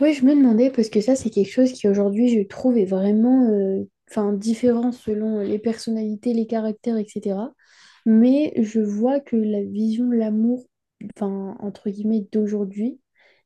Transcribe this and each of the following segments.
Oui, je me demandais, parce que ça, c'est quelque chose qui aujourd'hui, je trouve, est vraiment enfin, différent selon les personnalités, les caractères, etc. Mais je vois que la vision de l'amour, enfin, entre guillemets, d'aujourd'hui,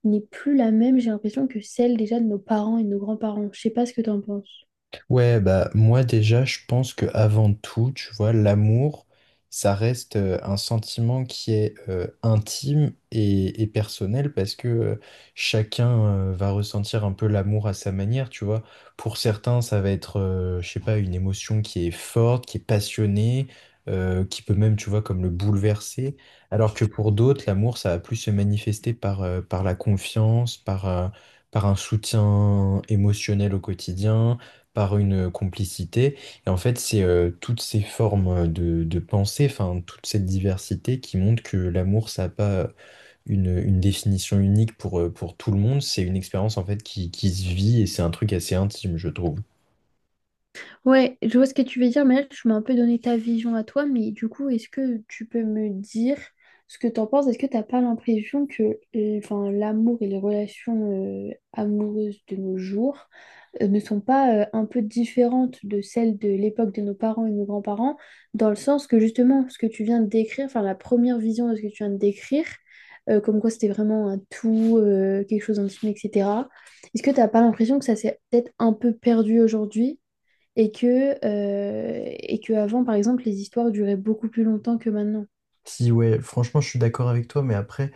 n'est plus la même, j'ai l'impression, que celle déjà de nos parents et de nos grands-parents. Je sais pas ce que tu en penses. Ouais, bah moi déjà, je pense que avant tout, tu vois, l'amour, ça reste un sentiment qui est intime et personnel parce que chacun va ressentir un peu l'amour à sa manière, tu vois. Pour certains, ça va être je sais pas, une émotion qui est forte, qui est passionnée, qui peut même, tu vois, comme le bouleverser. Alors que pour d'autres, l'amour, ça va plus se manifester par la confiance, par un soutien émotionnel au quotidien par une complicité. Et en fait, c'est toutes ces formes de pensée, enfin, toute cette diversité qui montre que l'amour, ça n'a pas une définition unique pour tout le monde. C'est une expérience, en fait, qui se vit et c'est un truc assez intime, je trouve. Ouais, je vois ce que tu veux dire, mais là, tu m'as un peu donné ta vision à toi, mais du coup, est-ce que tu peux me dire ce que t'en penses? Est-ce que t'as pas l'impression que enfin, l'amour et les relations amoureuses de nos jours ne sont pas un peu différentes de celles de l'époque de nos parents et nos grands-parents, dans le sens que justement, ce que tu viens de décrire, enfin, la première vision de ce que tu viens de décrire, comme quoi c'était vraiment un tout, quelque chose d'intime, etc. Est-ce que t'as pas l'impression que ça s'est peut-être un peu perdu aujourd'hui? Et que avant, par exemple, les histoires duraient beaucoup plus longtemps que maintenant. Si, ouais, franchement, je suis d'accord avec toi, mais après,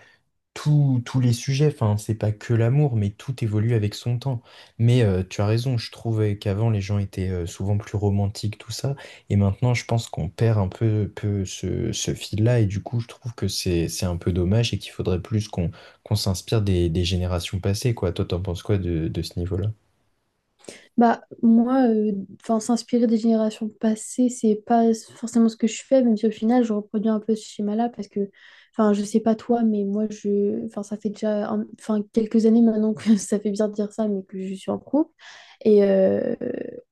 tous les sujets, enfin, c'est pas que l'amour, mais tout évolue avec son temps. Mais tu as raison, je trouvais qu'avant les gens étaient souvent plus romantiques, tout ça, et maintenant je pense qu'on perd un peu ce fil-là, et du coup je trouve que c'est un peu dommage et qu'il faudrait plus qu'on s'inspire des générations passées, quoi. Toi, t'en penses quoi de ce niveau-là? Bah, moi, enfin, s'inspirer des générations passées, c'est pas forcément ce que je fais, même si au final, je reproduis un peu ce schéma-là parce que, enfin, je sais pas toi, mais moi, je, enfin, ça fait déjà, enfin, quelques années maintenant que ça fait bien de dire ça, mais que je suis en couple. Et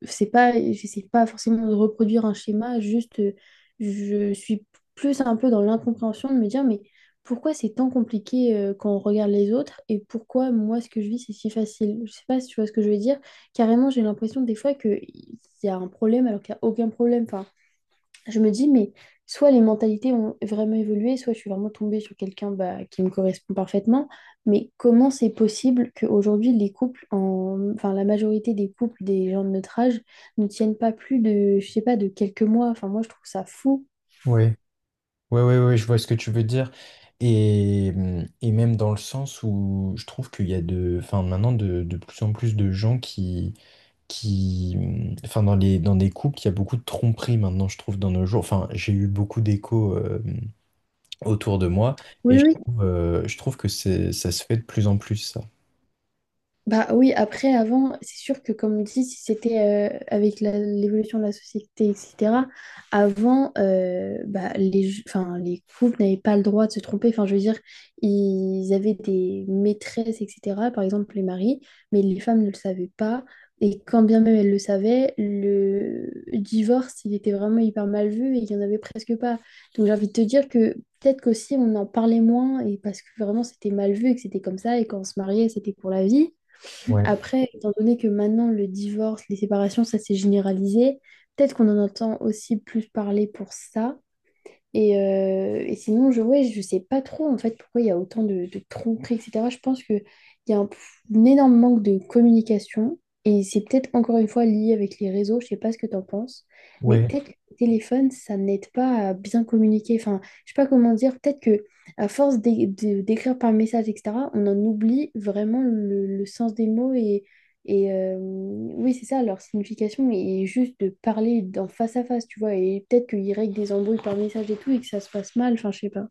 c'est pas, j'essaie pas forcément de reproduire un schéma, juste, je suis plus un peu dans l'incompréhension de me dire, mais pourquoi c'est tant compliqué quand on regarde les autres et pourquoi moi, ce que je vis, c'est si facile? Je sais pas si tu vois ce que je veux dire. Carrément, j'ai l'impression des fois qu'il y a un problème alors qu'il n'y a aucun problème. Enfin, je me dis, mais soit les mentalités ont vraiment évolué, soit je suis vraiment tombée sur quelqu'un bah, qui me correspond parfaitement. Mais comment c'est possible qu'aujourd'hui, les couples, enfin, la majorité des couples des gens de notre âge ne tiennent pas plus de, je sais pas, de quelques mois. Enfin, moi, je trouve ça fou. Ouais. Ouais, je vois ce que tu veux dire. Et même dans le sens où je trouve qu'il y a de, enfin, maintenant de plus en plus de gens qui, enfin, dans des couples, il y a beaucoup de tromperies maintenant, je trouve, dans nos jours. Enfin, j'ai eu beaucoup d'échos, mmh, autour de moi et je Oui. Je trouve que c'est, ça se fait de plus en plus, ça. Bah oui, après, avant, c'est sûr que comme dit, si c'était avec l'évolution de la société, etc., avant, bah, enfin, les couples n'avaient pas le droit de se tromper. Enfin, je veux dire, ils avaient des maîtresses, etc., par exemple les maris, mais les femmes ne le savaient pas. Et quand bien même elles le savaient, le divorce, il était vraiment hyper mal vu et il n'y en avait presque pas. Donc j'ai envie de te dire que peut-être qu'aussi on en parlait moins et parce que vraiment c'était mal vu et que c'était comme ça et quand on se mariait, c'était pour la vie. Ouais, Après, étant donné que maintenant le divorce, les séparations, ça s'est généralisé, peut-être qu'on en entend aussi plus parler pour ça. Et sinon, ouais, je sais pas trop en fait pourquoi il y a autant de tromperies, etc. Je pense qu'il y a un énorme manque de communication et c'est peut-être encore une fois lié avec les réseaux, je sais pas ce que tu en penses, mais ouais, peut-être que le téléphone, ça n'aide pas à bien communiquer. Enfin, je sais pas comment dire, peut-être que à force d'écrire par message, etc., on en oublie vraiment le sens des mots et oui, c'est ça, leur signification est juste de parler en face à face, tu vois, et peut-être qu'ils règlent des embrouilles par message et tout et que ça se passe mal, enfin, je sais pas.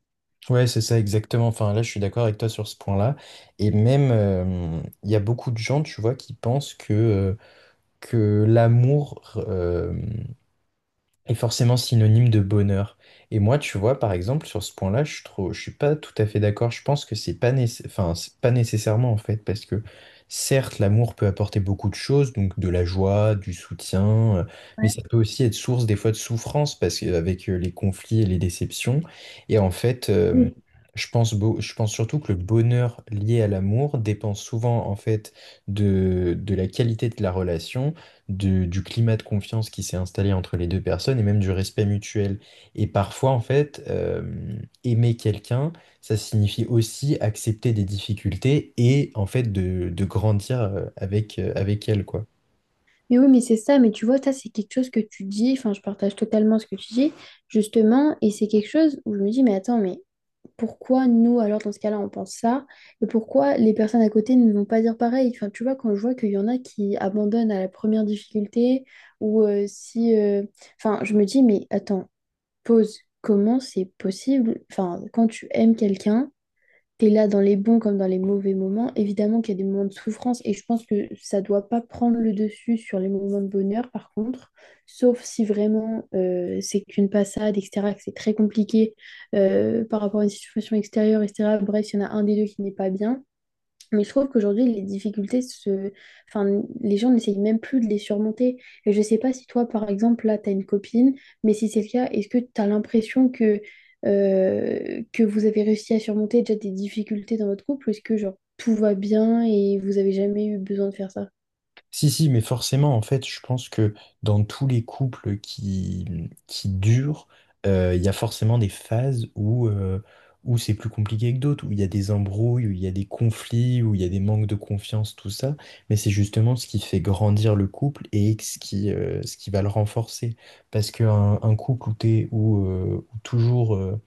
ouais, c'est ça exactement. Enfin, là, je suis d'accord avec toi sur ce point-là. Et même, mmh, il y a beaucoup de gens, tu vois, qui pensent que l'amour est forcément synonyme de bonheur. Et moi, tu vois, par exemple, sur ce point-là, je suis pas tout à fait d'accord. Je pense que c'est pas nécess- enfin, c'est pas nécessairement en fait, parce que certes, l'amour peut apporter beaucoup de choses, donc de la joie, du soutien, mais Ouais. ça peut aussi être source des fois de souffrance, parce qu'avec les conflits et les déceptions, et en fait. Oui. Je pense, beau- je pense surtout que le bonheur lié à l'amour dépend souvent en fait de la qualité de la relation du climat de confiance qui s'est installé entre les deux personnes et même du respect mutuel. Et parfois, en fait, aimer quelqu'un, ça signifie aussi accepter des difficultés et en fait de grandir avec elle, quoi. Mais oui, mais c'est ça, mais tu vois, ça, c'est quelque chose que tu dis, enfin, je partage totalement ce que tu dis, justement, et c'est quelque chose où je me dis, mais attends, mais pourquoi nous, alors, dans ce cas-là, on pense ça, et pourquoi les personnes à côté ne vont pas dire pareil? Enfin, tu vois, quand je vois qu'il y en a qui abandonnent à la première difficulté, ou si... enfin, je me dis, mais attends, pose comment c'est possible. Enfin, quand tu aimes quelqu'un, t'es là dans les bons comme dans les mauvais moments. Évidemment qu'il y a des moments de souffrance et je pense que ça doit pas prendre le dessus sur les moments de bonheur, par contre. Sauf si vraiment c'est qu'une passade, etc., que c'est très compliqué par rapport à une situation extérieure, etc. Bref, il y en a un des deux qui n'est pas bien. Mais je trouve qu'aujourd'hui, les difficultés enfin, les gens n'essayent même plus de les surmonter. Et je sais pas si toi, par exemple, là, tu as une copine, mais si c'est le cas, est-ce que tu as l'impression que vous avez réussi à surmonter déjà des difficultés dans votre couple? Ou est-ce que, genre, tout va bien et vous avez jamais eu besoin de faire ça? Si, si, mais forcément, en fait, je pense que dans tous les couples qui durent, il y a forcément des phases où c'est plus compliqué que d'autres, où il y a des embrouilles, où il y a des conflits, où il y a des manques de confiance, tout ça. Mais c'est justement ce qui fait grandir le couple et ce qui, ce qui va le renforcer. Parce qu'un un couple où toujours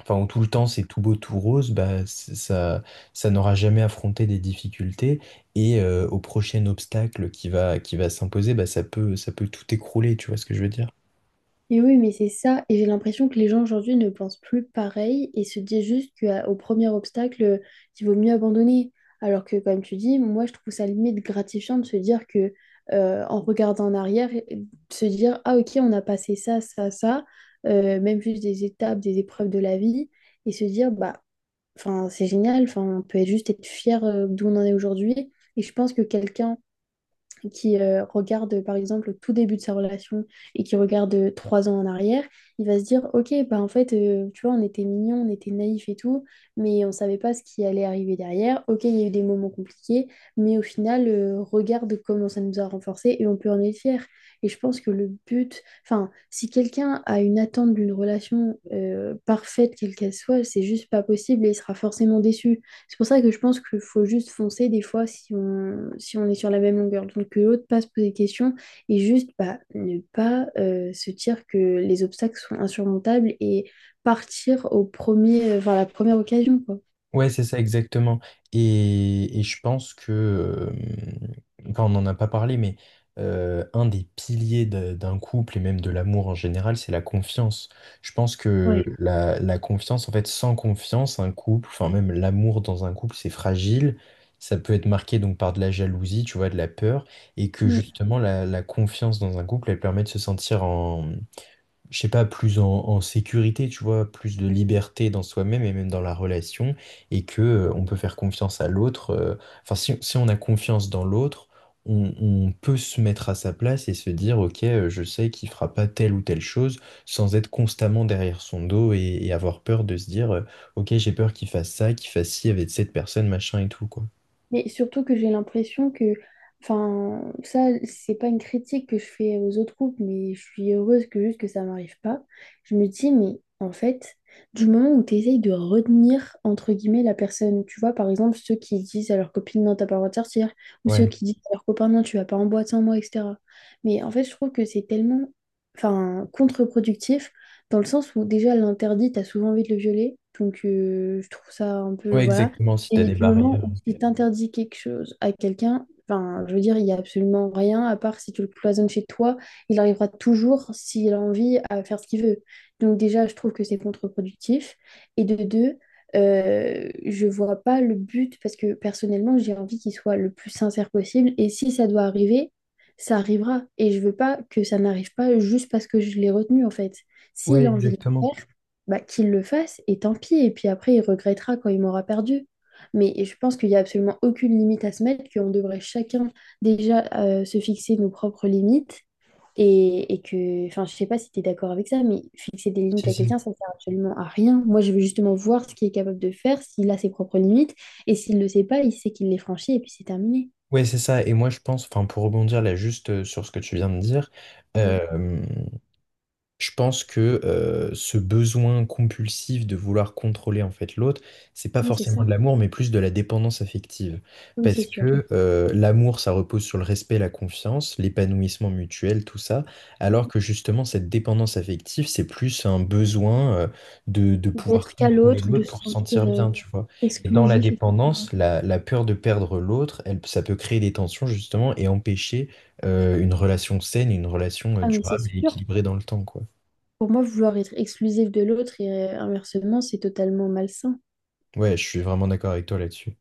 enfin, où tout le temps c'est tout beau, tout rose, bah, ça n'aura jamais affronté des difficultés. Et au prochain obstacle qui va s'imposer, bah, ça peut tout écrouler, tu vois ce que je veux dire? Et oui, mais c'est ça. Et j'ai l'impression que les gens aujourd'hui ne pensent plus pareil et se disent juste qu'au premier obstacle, il vaut mieux abandonner. Alors que, comme tu dis, moi, je trouve ça limite gratifiant de se dire que, en regardant en arrière, et de se dire, ah, ok, on a passé ça, ça, ça, même juste des étapes, des épreuves de la vie, et se dire, bah, enfin, c'est génial, enfin, on peut juste être fier d'où on en est aujourd'hui. Et je pense que quelqu'un qui regarde par exemple le tout début de sa relation et qui regarde 3 ans en arrière, il va se dire, ok, bah en fait, tu vois, on était mignons, on était naïfs et tout, mais on savait pas ce qui allait arriver derrière. Ok, il y a eu des moments compliqués, mais au final, regarde comment ça nous a renforcés et on peut en être fier. Et je pense que le but, enfin, si quelqu'un a une attente d'une relation parfaite, quelle qu'elle soit, c'est juste pas possible et il sera forcément déçu. C'est pour ça que je pense qu'il faut juste foncer des fois si on est sur la même longueur. Donc que l'autre passe poser des questions et juste bah, ne pas se dire que les obstacles sont insurmontables et partir au premier, enfin, la première occasion, quoi. Ouais, c'est ça exactement. Et je pense que, enfin, on n'en a pas parlé, mais un des piliers de- d'un couple et même de l'amour en général, c'est la confiance. Je pense que Ouais. la confiance, en fait, sans confiance, un couple, enfin même l'amour dans un couple, c'est fragile. Ça peut être marqué donc par de la jalousie, tu vois, de la peur, et que Mm. justement la confiance dans un couple, elle permet de se sentir je sais pas, plus en sécurité, tu vois, plus de liberté dans soi-même et même dans la relation, et que on peut faire confiance à l'autre. Enfin, si on a confiance dans l'autre, on peut se mettre à sa place et se dire, ok, je sais qu'il fera pas telle ou telle chose, sans être constamment derrière son dos et avoir peur de se dire, ok, j'ai peur qu'il fasse ça, qu'il fasse ci avec cette personne, machin et tout, quoi. Mais surtout que j'ai l'impression que, enfin, ça, c'est pas une critique que je fais aux autres couples, mais je suis heureuse que juste que ça m'arrive pas. Je me dis, mais en fait, du moment où tu essayes de retenir, entre guillemets, la personne, tu vois, par exemple, ceux qui disent à leur copine, non, t'as pas le droit de sortir, ou ceux Ouais, qui disent à leur copain, non, tu vas pas en boîte sans moi, etc. Mais en fait, je trouve que c'est tellement, enfin, contre-productif, dans le sens où déjà l'interdit, t'as souvent envie de le violer, donc je trouve ça un peu, ouais, voilà. exactement, si t'as Et des du moment barrières. où tu t'interdis quelque chose à quelqu'un, enfin, je veux dire, il n'y a absolument rien, à part si tu le cloisonnes chez toi, il arrivera toujours, s'il a envie, à faire ce qu'il veut. Donc déjà, je trouve que c'est contre-productif. Et de deux, je vois pas le but, parce que personnellement, j'ai envie qu'il soit le plus sincère possible. Et si ça doit arriver, ça arrivera. Et je veux pas que ça n'arrive pas juste parce que je l'ai retenu, en fait. Ouais, S'il a envie de le exactement. faire, bah, qu'il le fasse, et tant pis. Et puis après, il regrettera quand il m'aura perdu. Mais je pense qu'il n'y a absolument aucune limite à se mettre, qu'on devrait chacun déjà se fixer nos propres limites. Et que, enfin, je sais pas si tu es d'accord avec ça, mais fixer des limites Si, à si. quelqu'un, ça ne sert absolument à rien. Moi, je veux justement voir ce qu'il est capable de faire, s'il a ses propres limites. Et s'il ne le sait pas, il sait qu'il les franchit et puis c'est terminé. Ouais, c'est ça. Et moi, je pense, enfin, pour rebondir là juste sur ce que tu viens de dire, Mhm. Oui, je pense que ce besoin compulsif de vouloir contrôler en fait l'autre, c'est pas oui, c'est forcément ça. de l'amour, mais plus de la dépendance affective. Oui, Parce c'est sûr. que l'amour, ça repose sur le respect, la confiance, l'épanouissement mutuel, tout ça, alors que justement cette dépendance affective, c'est plus un besoin de pouvoir D'être qu'à contrôler l'autre, l'autre de se pour se sentir sentir bien, tu vois. Et dans la exclusif, etc. dépendance, la peur de perdre l'autre, elle, ça peut créer des tensions justement et empêcher une relation saine, une relation Ah, mais c'est durable et sûr. équilibrée dans le temps, quoi. Pour moi, vouloir être exclusif de l'autre et inversement, c'est totalement malsain. Ouais, je suis vraiment d'accord avec toi là-dessus.